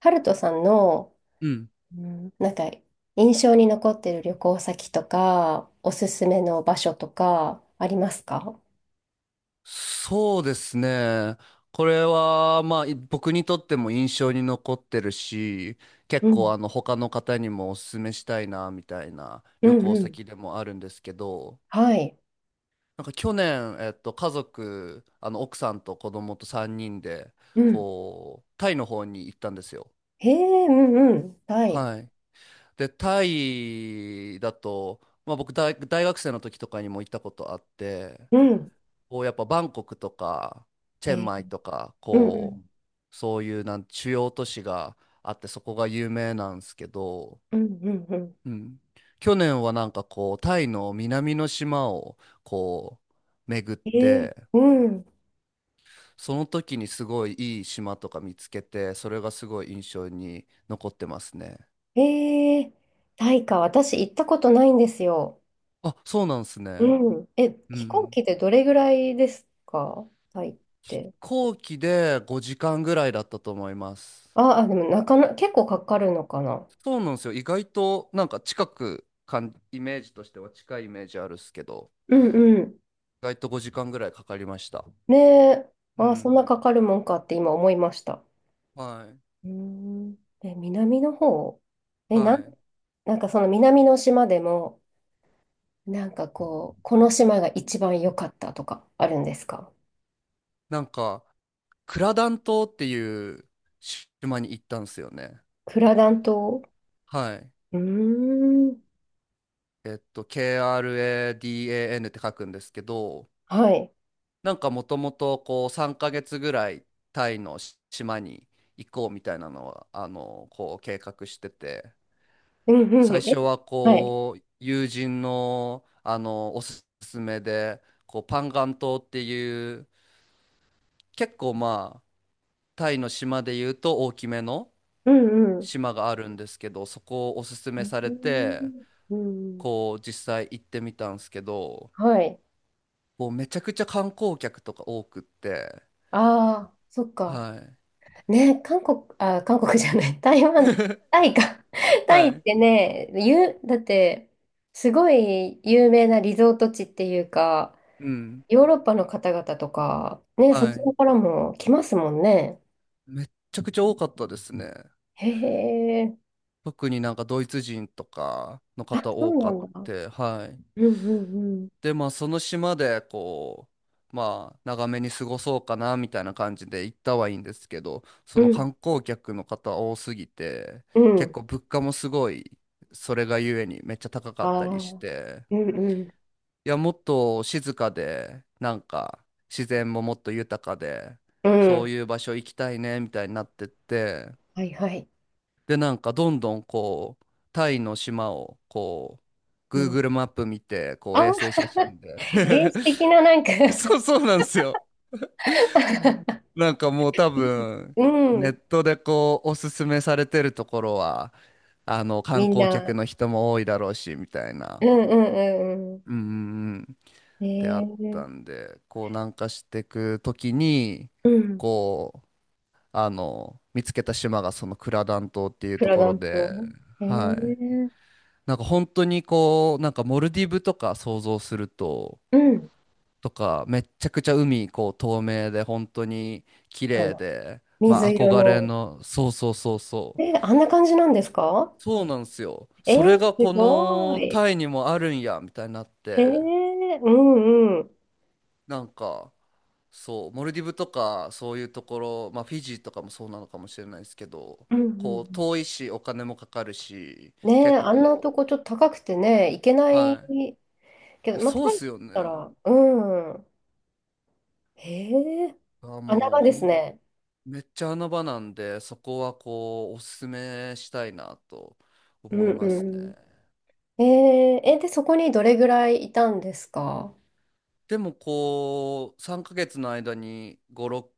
ハルトさんの、うん。うん、なんか、印象に残ってる旅行先とか、おすすめの場所とか、ありますか？そうですね。これは、まあ、僕にとっても印象に残ってるし、う結構、ん、他の方にもお勧めしたいな、みたいなう旅ん行うん。先でもあるんですけど、はい。なんか去年、家族、奥さんと子供と3人で、うん。こう、タイの方に行ったんですよ。へえ、うんうん。はい。はい。で、タイだと、まあ、大学生の時とかにも行ったことあって、うん。こうやっぱバンコクとかチェンえマイとか、うんうこん。うそういう主要都市があってそこが有名なんですけど、うん、うん、うん。うん、去年はなんかこうタイの南の島をこう巡っえー、て、うん。その時にすごいいい島とか見つけて、それがすごい印象に残ってますね。えー、タイか。私行ったことないんですよ。あ、そうなんですね。うん。え、う飛行ん。機でどれぐらいですか？タイっ飛て。行機で5時間ぐらいだったと思います。あ、あ、でもなかな、結構かかるのかな。そうなんですよ。意外となんか近くかん、イメージとしては近いイメージあるっすけど、うんうん。意外と5時間ぐらいかかりました。ねえ、うああ、そんん。なかかるもんかって今思いました。はい。うーん。え、南の方、え、なはん、い。なんかその南の島でも、なんかこう、この島が一番良かったとかあるんですか？なんか、クラダン島っていう島に行ったんですよね。クラダン島。はい。うーん。KRADAN って書くんですけど、はい。なんかもともとこう3ヶ月ぐらいタイの島に行こうみたいなのは、こう計画してて、うんうんう最ん。初ははい。こう友人の、おすすめでこうパンガン島っていう、結構まあタイの島でいうと大きめのうんうん。島があるんですけど、そこをおすすえめされー、てうん。こう実際行ってみたんですけど、はい。もうめちゃくちゃ観光客とか多くって。ああ、そっはか。い、ね、韓国じゃない、台湾、タイか。タはイっい、てね、だって、すごい有名なリゾート地っていうか、うん、ヨーロッパの方々とか、ね、そっはちのい。からも来ますもんね。めっちゃくちゃ多かったですね。へえ、特になんかドイツ人とかのあ、方そ多うなかっんだ。て、はい。うんうんうん。で、まあ、その島で、こう、まあ、長めに過ごそうかな、みたいな感じで行ったはいいんですけど、うそのん、観光客の方多すぎて、う結ん。構物価もすごい、それがゆえにめっちゃ高かあっあ、たりして、うんうん。いや、もっと静かで、なんか、自然ももっと豊かで、うそん。ういう場所行きたいね、みたいになってって、はいはい。で、なんか、どんどん、こう、タイの島を、こう、うん。Google マップ見て、こう、あ、衛星 写真で、 原始的ななんか そう、そうなんですよ。なんかもう多いい。分、うネん。ットでこう、おすすめされてるところは、観みん光客な。の人も多いだろうし、みたいうんな、うんうんうん。うんうんうん、えであっー、たんで、こう、南下していくときに、うん。こう、見つけた島がそのクラダン島っていうプとラこダろント。で、えはい。ー、なんか本当にこう、なんかモルディブとか想像すると、うん。とか、めっちゃくちゃ海、こう、透明で、本当に綺あ麗の、で、ま水あ、色憧れの。の、そうそうそうそう。えー、あんな感じなんですか？そうなんですよ。えそれー、がこすごのい。タイにもあるんや、みたいになっえて、ー、うんうん。なんか、そう、モルディブとか、そういうところ、まあ、フィジーとかもそうなのかもしれないですけど、うんうこう、ん遠いし、お金もかかるし、うん。ねえ、結あんな構、とこちょっと高くてね、行けないはい。けいど、やまあ、そうタっイだっすよね。たら、うん。へえ、あ、穴もう、場です本ね。めっちゃ穴場なんで、そこはこう、おすすめしたいなとう思いますね。んうん。ええ、え、で、そこにどれぐらいいたんですか？でもこう、3ヶ月の間に5、6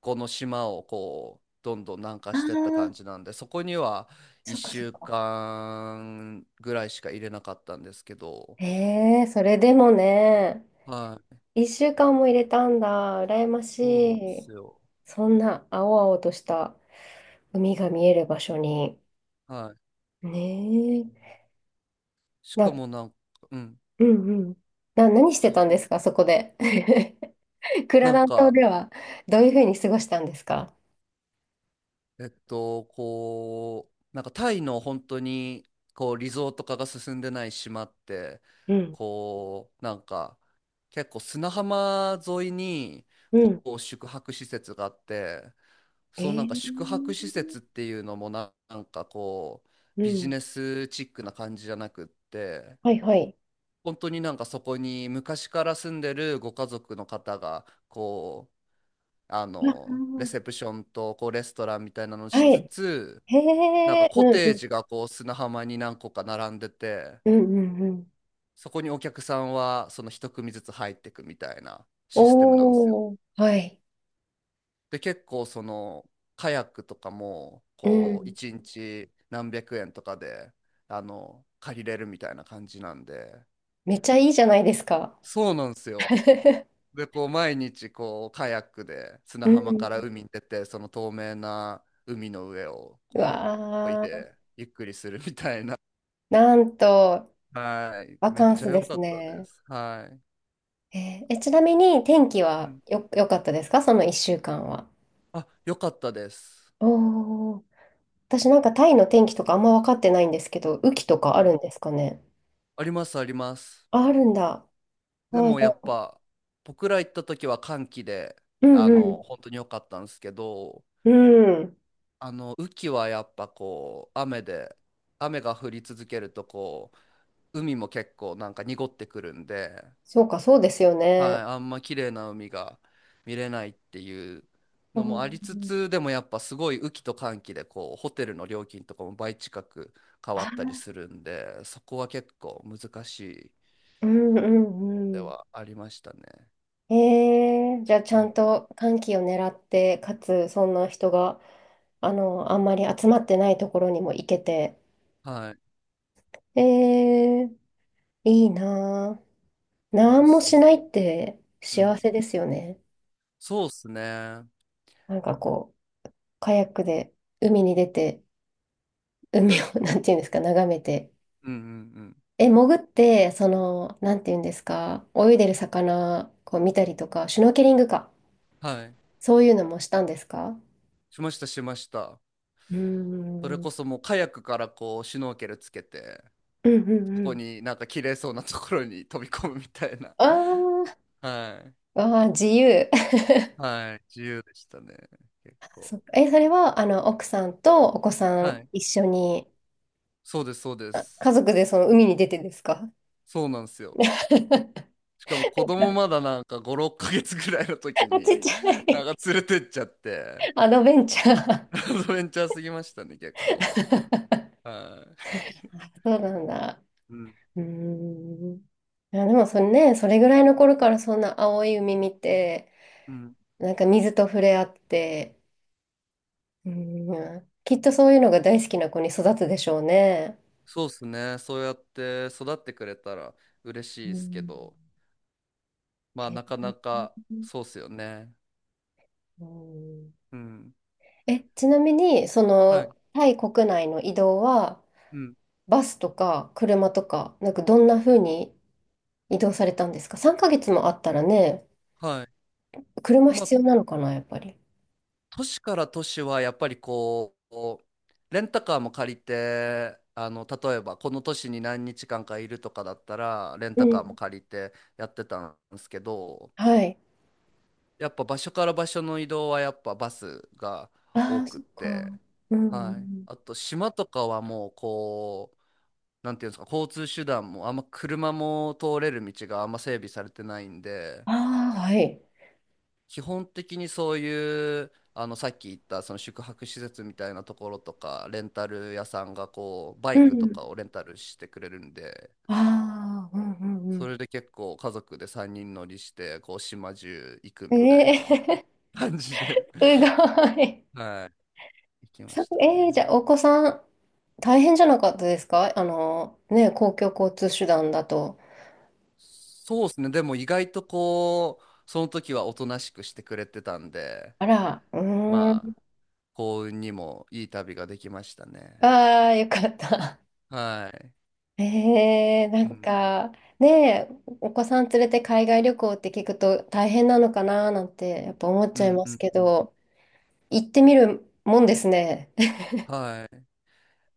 個の島をこう、どんどん南下ああしてった感ー、じなんで、そこにはそっか1そっ週か。間ぐらいしか入れなかったんですけど、ええ、それでもね、はい、一週間も入れたんだ。羨ましそうなんでい。すよ。そんな青々とした海が見える場所に。はい。ねえ。しかな、もなんか、うん。うんうん。何してたんですか、そこで。クラなんダン島か、ではどういうふうに過ごしたんですか？こう、なんかタイの本当に、こう、リゾート化が進んでない島って、うん。こう、なんか、結構砂浜沿いに、うん。こう、宿泊施設があって、えその宿泊施ー、設っていうのもなんかこう、うビジん。ネスチックな感じじゃなくって、はいはい。本当になんかそこに昔から住んでるご家族の方が、こう、あレー、セプションとこうレストランみたいなのをしはつい。つ、へなんかえ。コうんうテーん。ジがこう砂浜に何個か並んでて、うんうんうん。そこにお客さんはその一組ずつ入ってくみたいなシステムなんですよ。おー。はい。で結構そのカヤックとかもうこうん。1日何百円とかで借りれるみたいな感じなんで、めっちゃいいじゃないですか。そうなんですよ。でこう毎日こうカヤックで砂う浜からん。海に出て、その透明な海の上をうこうこいわー、でゆっくりするみたいな。なんと、はい。バめっカンちスゃ良でかすったでね。す。はい。えー、え、ちなみに天気うはん、良かったですかその1週間は？あ、良かったです。おー、私なんかタイの天気とかあんま分かってないんですけど、雨季とかうあるん。んですかね？ありますあります。あ、あるんだ。であ、もじゃやっあ、ぱ僕ら行った時は寒気で、うんうん。本当に良かったんですけど、うん。雨季はやっぱこう雨で、雨が降り続けるとこう海も結構なんか濁ってくるんで、そうか、そうですよはね。い、あんま綺麗な海が見れないっていううのもありつん、つ、でもやっぱすごい雨季と乾季でこうホテルの料金とかも倍近く変わったあ、りするんで、そこは結構難しいうんうでんうはありましたね。ん。えー、じゃあちうゃんん、と寒気を狙って、かつそんな人が、あの、あんまり集まってないところにも行けて、はい。ええ、いいなぁ。でなおんもすすめ。しないってう幸ん。せですよね。そうっすね。うんなんかこう、カヤックで海に出て、海を、なんていうんですか、眺めて。うんうん。え、潜って、その、なんていうんですか、泳いでる魚、こう見たりとか、シュノーケリングか。はい。そういうのもしたんですか？しましたしました。うーそれん。うんこそもうカヤックからこうシュノーケルつけて、うんそうこん。になんか綺麗そうなところに飛び込むみたいな。あー、 はい。あー、自由。はい。自由でしたね。結 そっ構。か。え、それは、あの、奥さんとお子さはんい。一緒に、そうです、そうであ、す。家族でその海に出てですか？ そうなんですよ。しかも子供 まだなんか5、6ヶ月ぐらいの時あ、ちっに、ちゃない。んか連れてっちゃって、アドベンチャー。アドベンチャーすぎましたね、結構。はあ、そうなんだ。い。うん。うーん。いや、でもそれね、それぐらいの頃からそんな青い海見て、うん。なんか水と触れ合って、うーん、きっとそういうのが大好きな子に育つでしょうね。そうですね。そうやって育ってくれたら嬉しいうですけん。ど、まあえ、なかなかそうっすよね。うん、うん。え、ちなみに、そはい。の、タイ国内の移動は、うん。バスとか車とか、なんかどんな風に移動されたんですか ?3 ヶ月もあったらね、はい。車まあ必要なのかな、やっぱり。都市から都市はやっぱりこうレンタカーも借りて、例えばこの都市に何日間かいるとかだったらレンうタカーもん。借りてやってたんですけど、はい。やっぱ場所から場所の移動はやっぱバスがあ多あ、くそっっか。うて、んうんうはい、ん。あと島とかはもうこうなんていうんですか、交通手段もあんま車も通れる道があんま整備されてないんで、ああ、はい。基本的にそういうさっき言ったその宿泊施設みたいなところとかレンタル屋さんがこうバうイクとん。かをレンタルしてくれるんで、ああ、うんうそんれで結構家族で3人乗りしてこう島中行くうん。みたいえな え、 感じ すで ごい。はい、行きましたええ、じゃね。あ、お子さん、大変じゃなかったですか、あの、ね、公共交通手段だと。そうですね、でも意外とこうその時はおとなしくしてくれてたんで、あら、うーまあん。幸運にもいい旅ができましたね。ああ、よかった。はい。 ええ、なうんんか、ねえ、お子さん連れて海外旅行って聞くと大変なのかななんて、やっぱ思っうちゃいんまうすんけうん、ど、行ってみるもんですね。はい。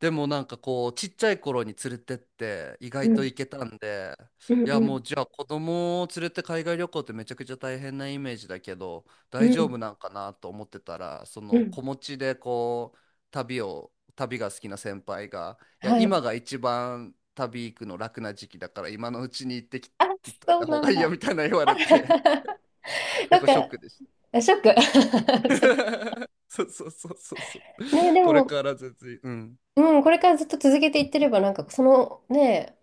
でもなんかこうちっちゃい頃に連れてって意う外とん、行けたんで、うん、いやうもん、うじゃあ子供を連れて海外旅行ってめちゃくちゃ大変なイメージだけどう大丈ん、夫なんかなと思ってたら、そうのん。子持ちでこう旅が好きな先輩が、いやはい。今が一番旅行くの楽な時期だから今のうちにあ、行っといそたう方ながんいいよだ。みたいな言われて、 な結ん構ショッか、クでした。 ショック。そう そうそうそうそうそう。ね、でこれも、から全然。うん、うん、これからずっと続けていってれば、なんか、その、ね、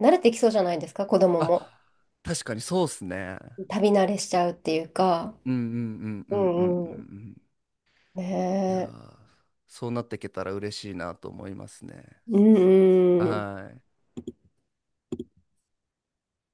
慣れてきそうじゃないですか、子供あ、も。確かにそうっすね。旅慣れしちゃうっていうか。うんうんうんうんううんうんんううん。ん。ねいやえ。ー、そうなっていけたら嬉しいなと思いますね。うんうん。はい。